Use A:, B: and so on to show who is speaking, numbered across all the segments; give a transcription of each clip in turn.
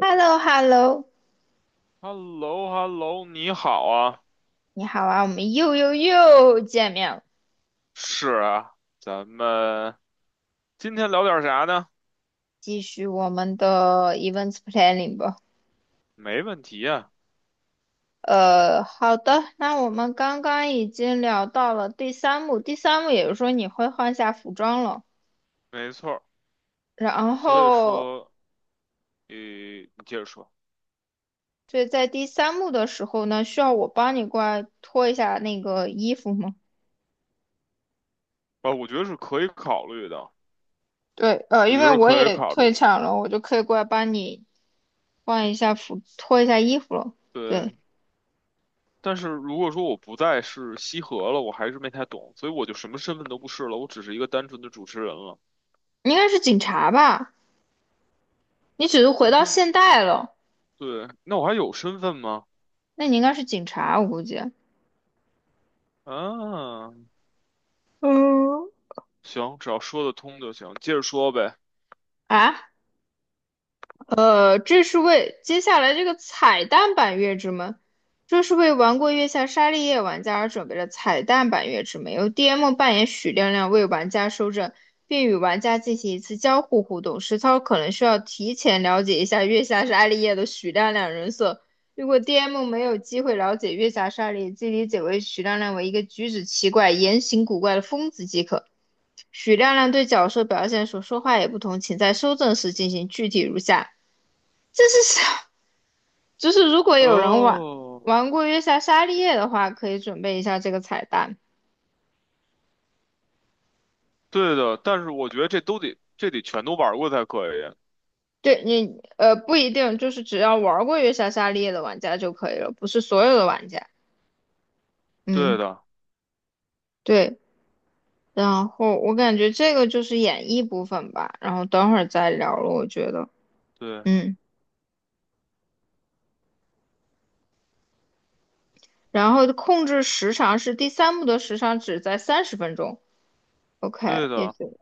A: h e l l o h e l l o
B: h e l l o h e l l o 你好啊，
A: 你好啊，我们又又又见面了，
B: 是啊，咱们今天聊点啥呢？
A: 继续我们的 events planning 吧。
B: 没问题啊，
A: 好的，那我们刚刚已经聊到了第三幕，第三幕也就是说你会换下服装了，
B: 没错儿。
A: 然
B: 所以
A: 后
B: 说，你接着说
A: 所以在第三幕的时候呢，需要我帮你过来脱一下那个衣服吗？
B: 啊，我觉得是可以考虑的，
A: 对，
B: 我
A: 因
B: 觉得
A: 为
B: 是
A: 我
B: 可以
A: 也
B: 考虑
A: 退
B: 的。
A: 场了，我就可以过来帮你换一下服，脱一下衣服了。对，
B: 对，但是如果说我不再是西河了，我还是没太懂，所以我就什么身份都不是了，我只是一个单纯的主持人了。
A: 应该是警察吧？你只是回
B: 我
A: 到
B: 不是，
A: 现代了，
B: 对，那我还有身份吗？
A: 那你应该是警察，我估计。
B: 嗯，
A: 嗯，
B: 行，只要说得通就行，接着说呗。
A: 啊，这是为接下来这个彩蛋版月之门，这是为玩过《月下沙利叶》玩家而准备的彩蛋版月之门，由 DM 扮演许亮亮为玩家收证，并与玩家进行一次交互互动。实操可能需要提前了解一下《月下沙利叶》的许亮亮人设，如果 DM 没有机会了解《月下沙利叶》，即理解为许亮亮为一个举止奇怪、言行古怪的疯子即可。许亮亮对角色表现所说话也不同，请在收证时进行，具体如下。这是啥？就是如果有人玩
B: 哦。
A: 玩过月下沙利叶的话，可以准备一下这个彩蛋。
B: 对的，但是我觉得这都得全都玩过才可以。
A: 对你，不一定，就是只要玩过月下沙利叶的玩家就可以了，不是所有的玩家。
B: 对
A: 嗯，
B: 的，
A: 对。然后我感觉这个就是演绎部分吧，然后等会儿再聊了，我觉得。
B: 对
A: 嗯，然后控制时长是第三幕的时长只在30分钟。OK，
B: 对
A: 也
B: 的，
A: 就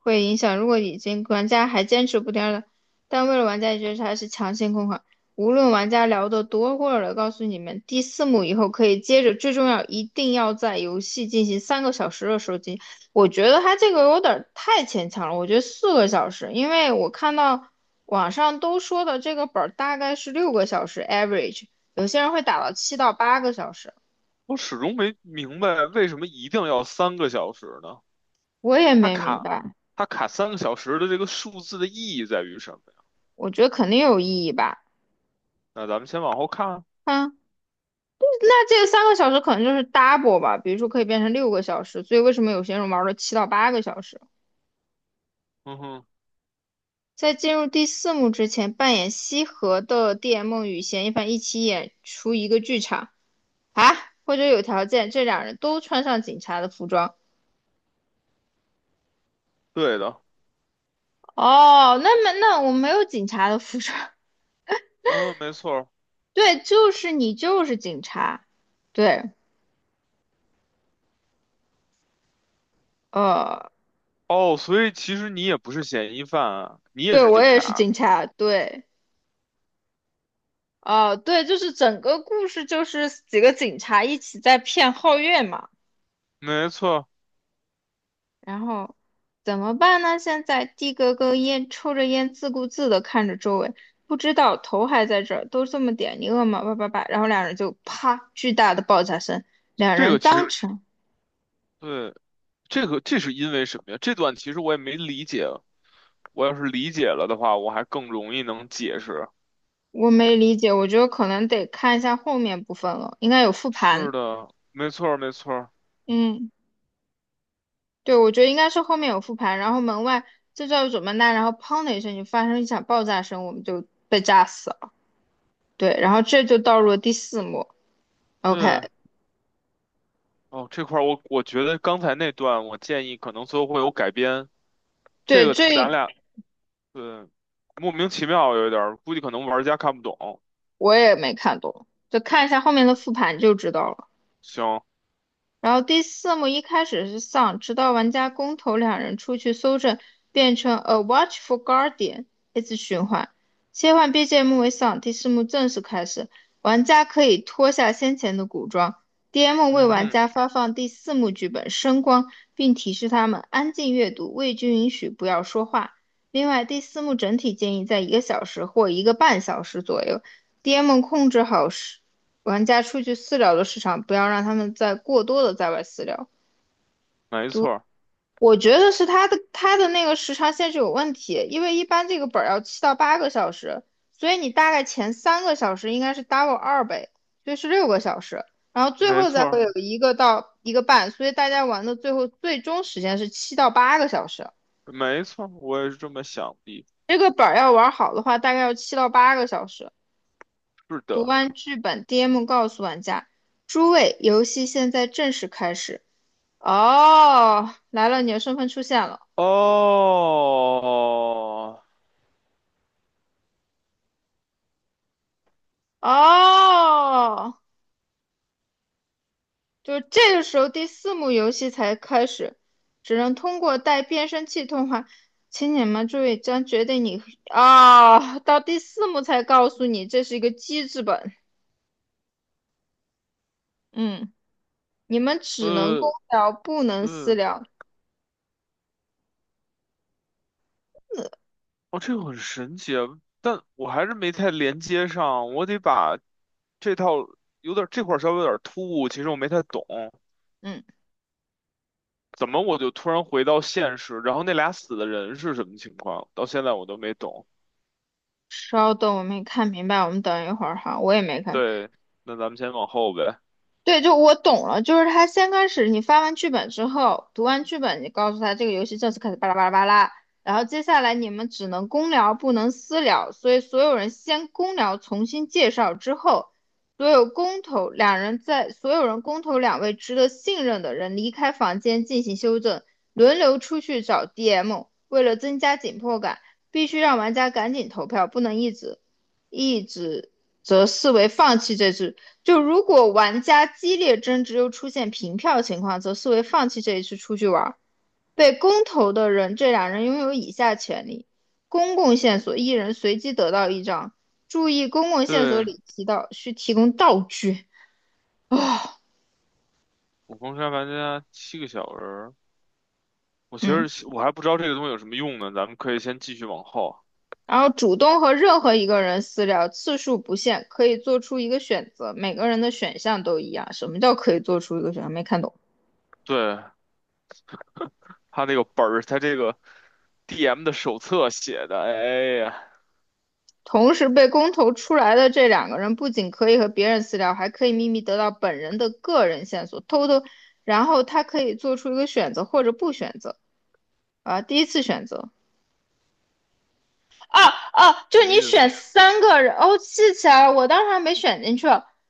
A: 会影响。如果已经玩家还坚持不掉了，但为了玩家也觉得它是强行控款，无论玩家聊得多过了，告诉你们，第四幕以后可以接着。最重要，一定要在游戏进行三个小时的收集。我觉得它这个有点儿太牵强了，我觉得4个小时，因为我看到网上都说的这个本儿大概是六个小时 average，有些人会打到七到八个小时，
B: 我始终没明白为什么一定要三个小时呢？
A: 我也
B: 它
A: 没明
B: 卡
A: 白，
B: 它卡三个小时的这个数字的意义在于什么呀？
A: 我觉得肯定有意义吧。
B: 那咱们先往后看啊。
A: 啊。那这个三个小时可能就是 double 吧，比如说可以变成六个小时，所以为什么有些人玩了七到八个小时？
B: 嗯哼，
A: 在进入第四幕之前，扮演西河的 D M 与嫌疑犯一起演出一个剧场啊，或者有条件，这两人都穿上警察的服装。
B: 对的，
A: 哦，那么那我没有警察的服装，
B: 嗯，没错儿。
A: 对，就是你就是警察，对，呃，
B: 哦，所以其实你也不是嫌疑犯啊，你也
A: 对
B: 是
A: 我
B: 警
A: 也是
B: 察。
A: 警察，对，哦，对，就是整个故事就是几个警察一起在骗皓月嘛。
B: 没错儿。
A: 然后怎么办呢？现在的哥哥烟抽着烟，自顾自地看着周围，不知道头还在这儿，都这么点，你饿吗？叭叭叭，然后两人就啪，巨大的爆炸声，两
B: 这
A: 人
B: 个其
A: 当
B: 实
A: 场，
B: 对，这个这是因为什么呀？这段其实我也没理解，我要是理解了的话，我还更容易能解释。
A: 我没理解，我觉得可能得看一下后面部分了，应该有复
B: 是
A: 盘，
B: 的，没错儿，没错儿。
A: 嗯，对，我觉得应该是后面有复盘，然后门外这叫怎么呢？然后砰的一声就发生一场爆炸声，我们就被炸死了，对，然后这就到入了第四幕，OK。
B: 对，哦，这块儿我觉得刚才那段，我建议可能最后会有改编。这
A: 对，
B: 个咱
A: 最。
B: 俩对莫名其妙有一点儿，估计可能玩家看不懂。
A: 我也没看懂，就看一下后面的复盘就知道了。
B: 行，
A: 然后第四幕一开始是 Sun，直到玩家公投两人出去搜证，变成 A Watchful Guardian，一直循环，切换 BGM 为 Sun。第四幕正式开始，玩家可以脱下先前的古装，DM 为
B: 嗯
A: 玩
B: 哼，
A: 家发放第四幕剧本声光，并提示他们安静阅读，未经允许不要说话。另外，第四幕整体建议在一个小时或一个半小时左右，DM 控制好时。玩家出去私聊的时长，不要让他们再过多的在外私聊。
B: 没错儿，
A: 我觉得是他的那个时长限制有问题，因为一般这个本要七到八个小时，所以你大概前三个小时应该是 double 2倍，所以是六个小时，然后最
B: 没
A: 后
B: 错
A: 再会
B: 儿，
A: 有一个到一个半，所以大家玩的最后最终时间是七到八个小时。
B: 没错儿，我也是这么想的。
A: 这个本儿要玩好的话，大概要七到八个小时。
B: 是
A: 读
B: 的，
A: 完剧本，DM 告诉玩家：诸位，游戏现在正式开始。哦，来了，你的身份出现了。
B: 哦，
A: 哦，就这个时候第四幕游戏才开始，只能通过带变声器通话。请你们注意，将决定你啊，到第四幕才告诉你这是一个机制本。嗯，你们只能公
B: 呃，
A: 聊，不能私
B: 对。
A: 聊。
B: 哦，这个很神奇啊，但我还是没太连接上，我得把这套有点这块儿稍微有点突兀，其实我没太懂，
A: 嗯，
B: 怎么我就突然回到现实，然后那俩死的人是什么情况，到现在我都没懂。
A: 稍等，我没看明白，我们等一会儿哈，我也没看。
B: 对，那咱们先往后呗。
A: 对，就我懂了，就是他先开始你发完剧本之后，读完剧本，你告诉他这个游戏正式开始，巴拉巴拉巴拉，然后接下来你们只能公聊，不能私聊，所以所有人先公聊，重新介绍之后，所有公投两人在所有人公投两位值得信任的人离开房间进行修正，轮流出去找 DM，为了增加紧迫感，必须让玩家赶紧投票，不能一直则视为放弃这局。就如果玩家激烈争执又出现平票情况，则视为放弃这一次出去玩。被公投的人，这两人拥有以下权利：公共线索，一人随机得到一张。注意，公共线索
B: 对，
A: 里提到需提供道具。
B: 《悟空杀玩家》七个小人儿，我其实
A: 嗯，
B: 我还不知道这个东西有什么用呢，咱们可以先继续往后。
A: 然后主动和任何一个人私聊，次数不限，可以做出一个选择。每个人的选项都一样。什么叫可以做出一个选项？没看懂。
B: 对，他这个本儿，他这个 DM 的手册写的，哎呀，
A: 同时被公投出来的这两个人，不仅可以和别人私聊，还可以秘密得到本人的个人线索，偷偷，然后他可以做出一个选择或者不选择。第一次选择。哦哦，就
B: 没
A: 是你
B: 意
A: 选
B: 思。
A: 三个人，哦，记起来了，我当时还没选进去，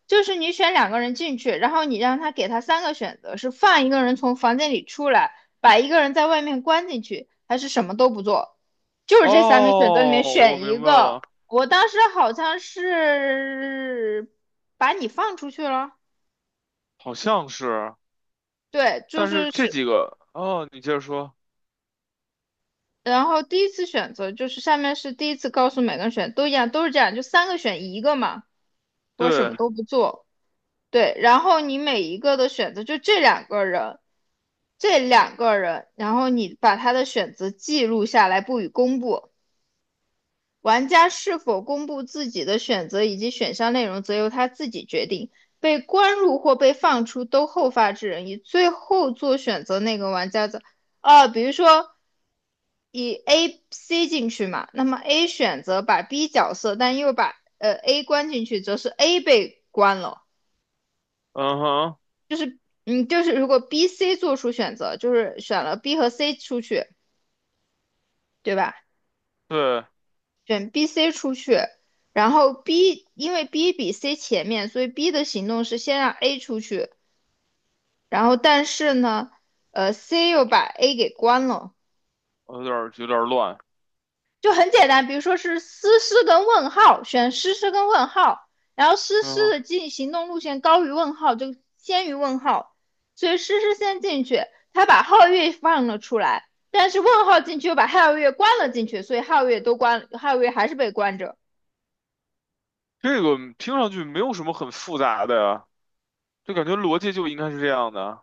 A: 就是你选两个人进去，然后你让他给他三个选择，是放一个人从房间里出来，把一个人在外面关进去，还是什么都不做，就是这三个选择里面
B: 哦，我
A: 选一
B: 明白
A: 个。
B: 了，
A: 我当时好像是把你放出去了，
B: 好像是，
A: 对，就
B: 但是
A: 是
B: 这
A: 是，
B: 几个，哦，你接着说，
A: 然后第一次选择就是下面是第一次告诉每个人选，都一样，都是这样，就三个选一个嘛，我什么
B: 对，
A: 都不做。对，然后你每一个的选择，就这两个人，这两个人，然后你把他的选择记录下来，不予公布。玩家是否公布自己的选择以及选项内容，则由他自己决定。被关入或被放出都后发制人，以最后做选择那个玩家的。比如说以 A、C 进去嘛，那么 A 选择把 B 角色，但又把A 关进去，则是 A 被关了。
B: 嗯哼，
A: 嗯，就是如果 B、C 做出选择，就是选了 B 和 C 出去，对吧？
B: 对，
A: 选 B、C 出去，然后 B 因为 B 比 C 前面，所以 B 的行动是先让 A 出去，然后但是呢，C 又把 A 给关了，
B: 我有点儿乱，
A: 就很简单，比如说是诗诗跟问号，选诗诗跟问号，然后诗
B: 嗯
A: 诗
B: 哼，
A: 的进行动路线高于问号，就先于问号，所以诗诗先进去，他把皓月放了出来，但是问号进去又把皓月关了进去，所以皓月都关，皓月还是被关着。
B: 这个听上去没有什么很复杂的呀，就感觉逻辑就应该是这样的，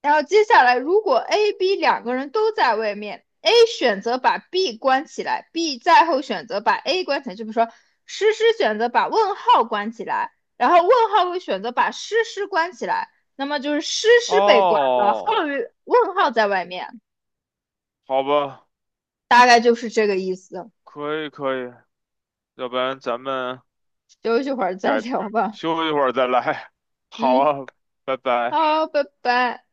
A: 然后接下来，如果 A、B 两个人都在外面，A 选择把 B 关起来，B 再后选择把 A 关起来，就比如说诗诗选择把问号关起来，然后问号会选择把诗诗关起来，那么就是诗诗被关了，后
B: 哦，
A: 问号在外面，
B: 好吧，
A: 大概就是这个意思。
B: 可以可以，要不然咱们
A: 休息会儿再
B: 改，
A: 聊吧。
B: 休息一会儿再来，好
A: 嗯，
B: 啊，拜拜。
A: 好，拜拜。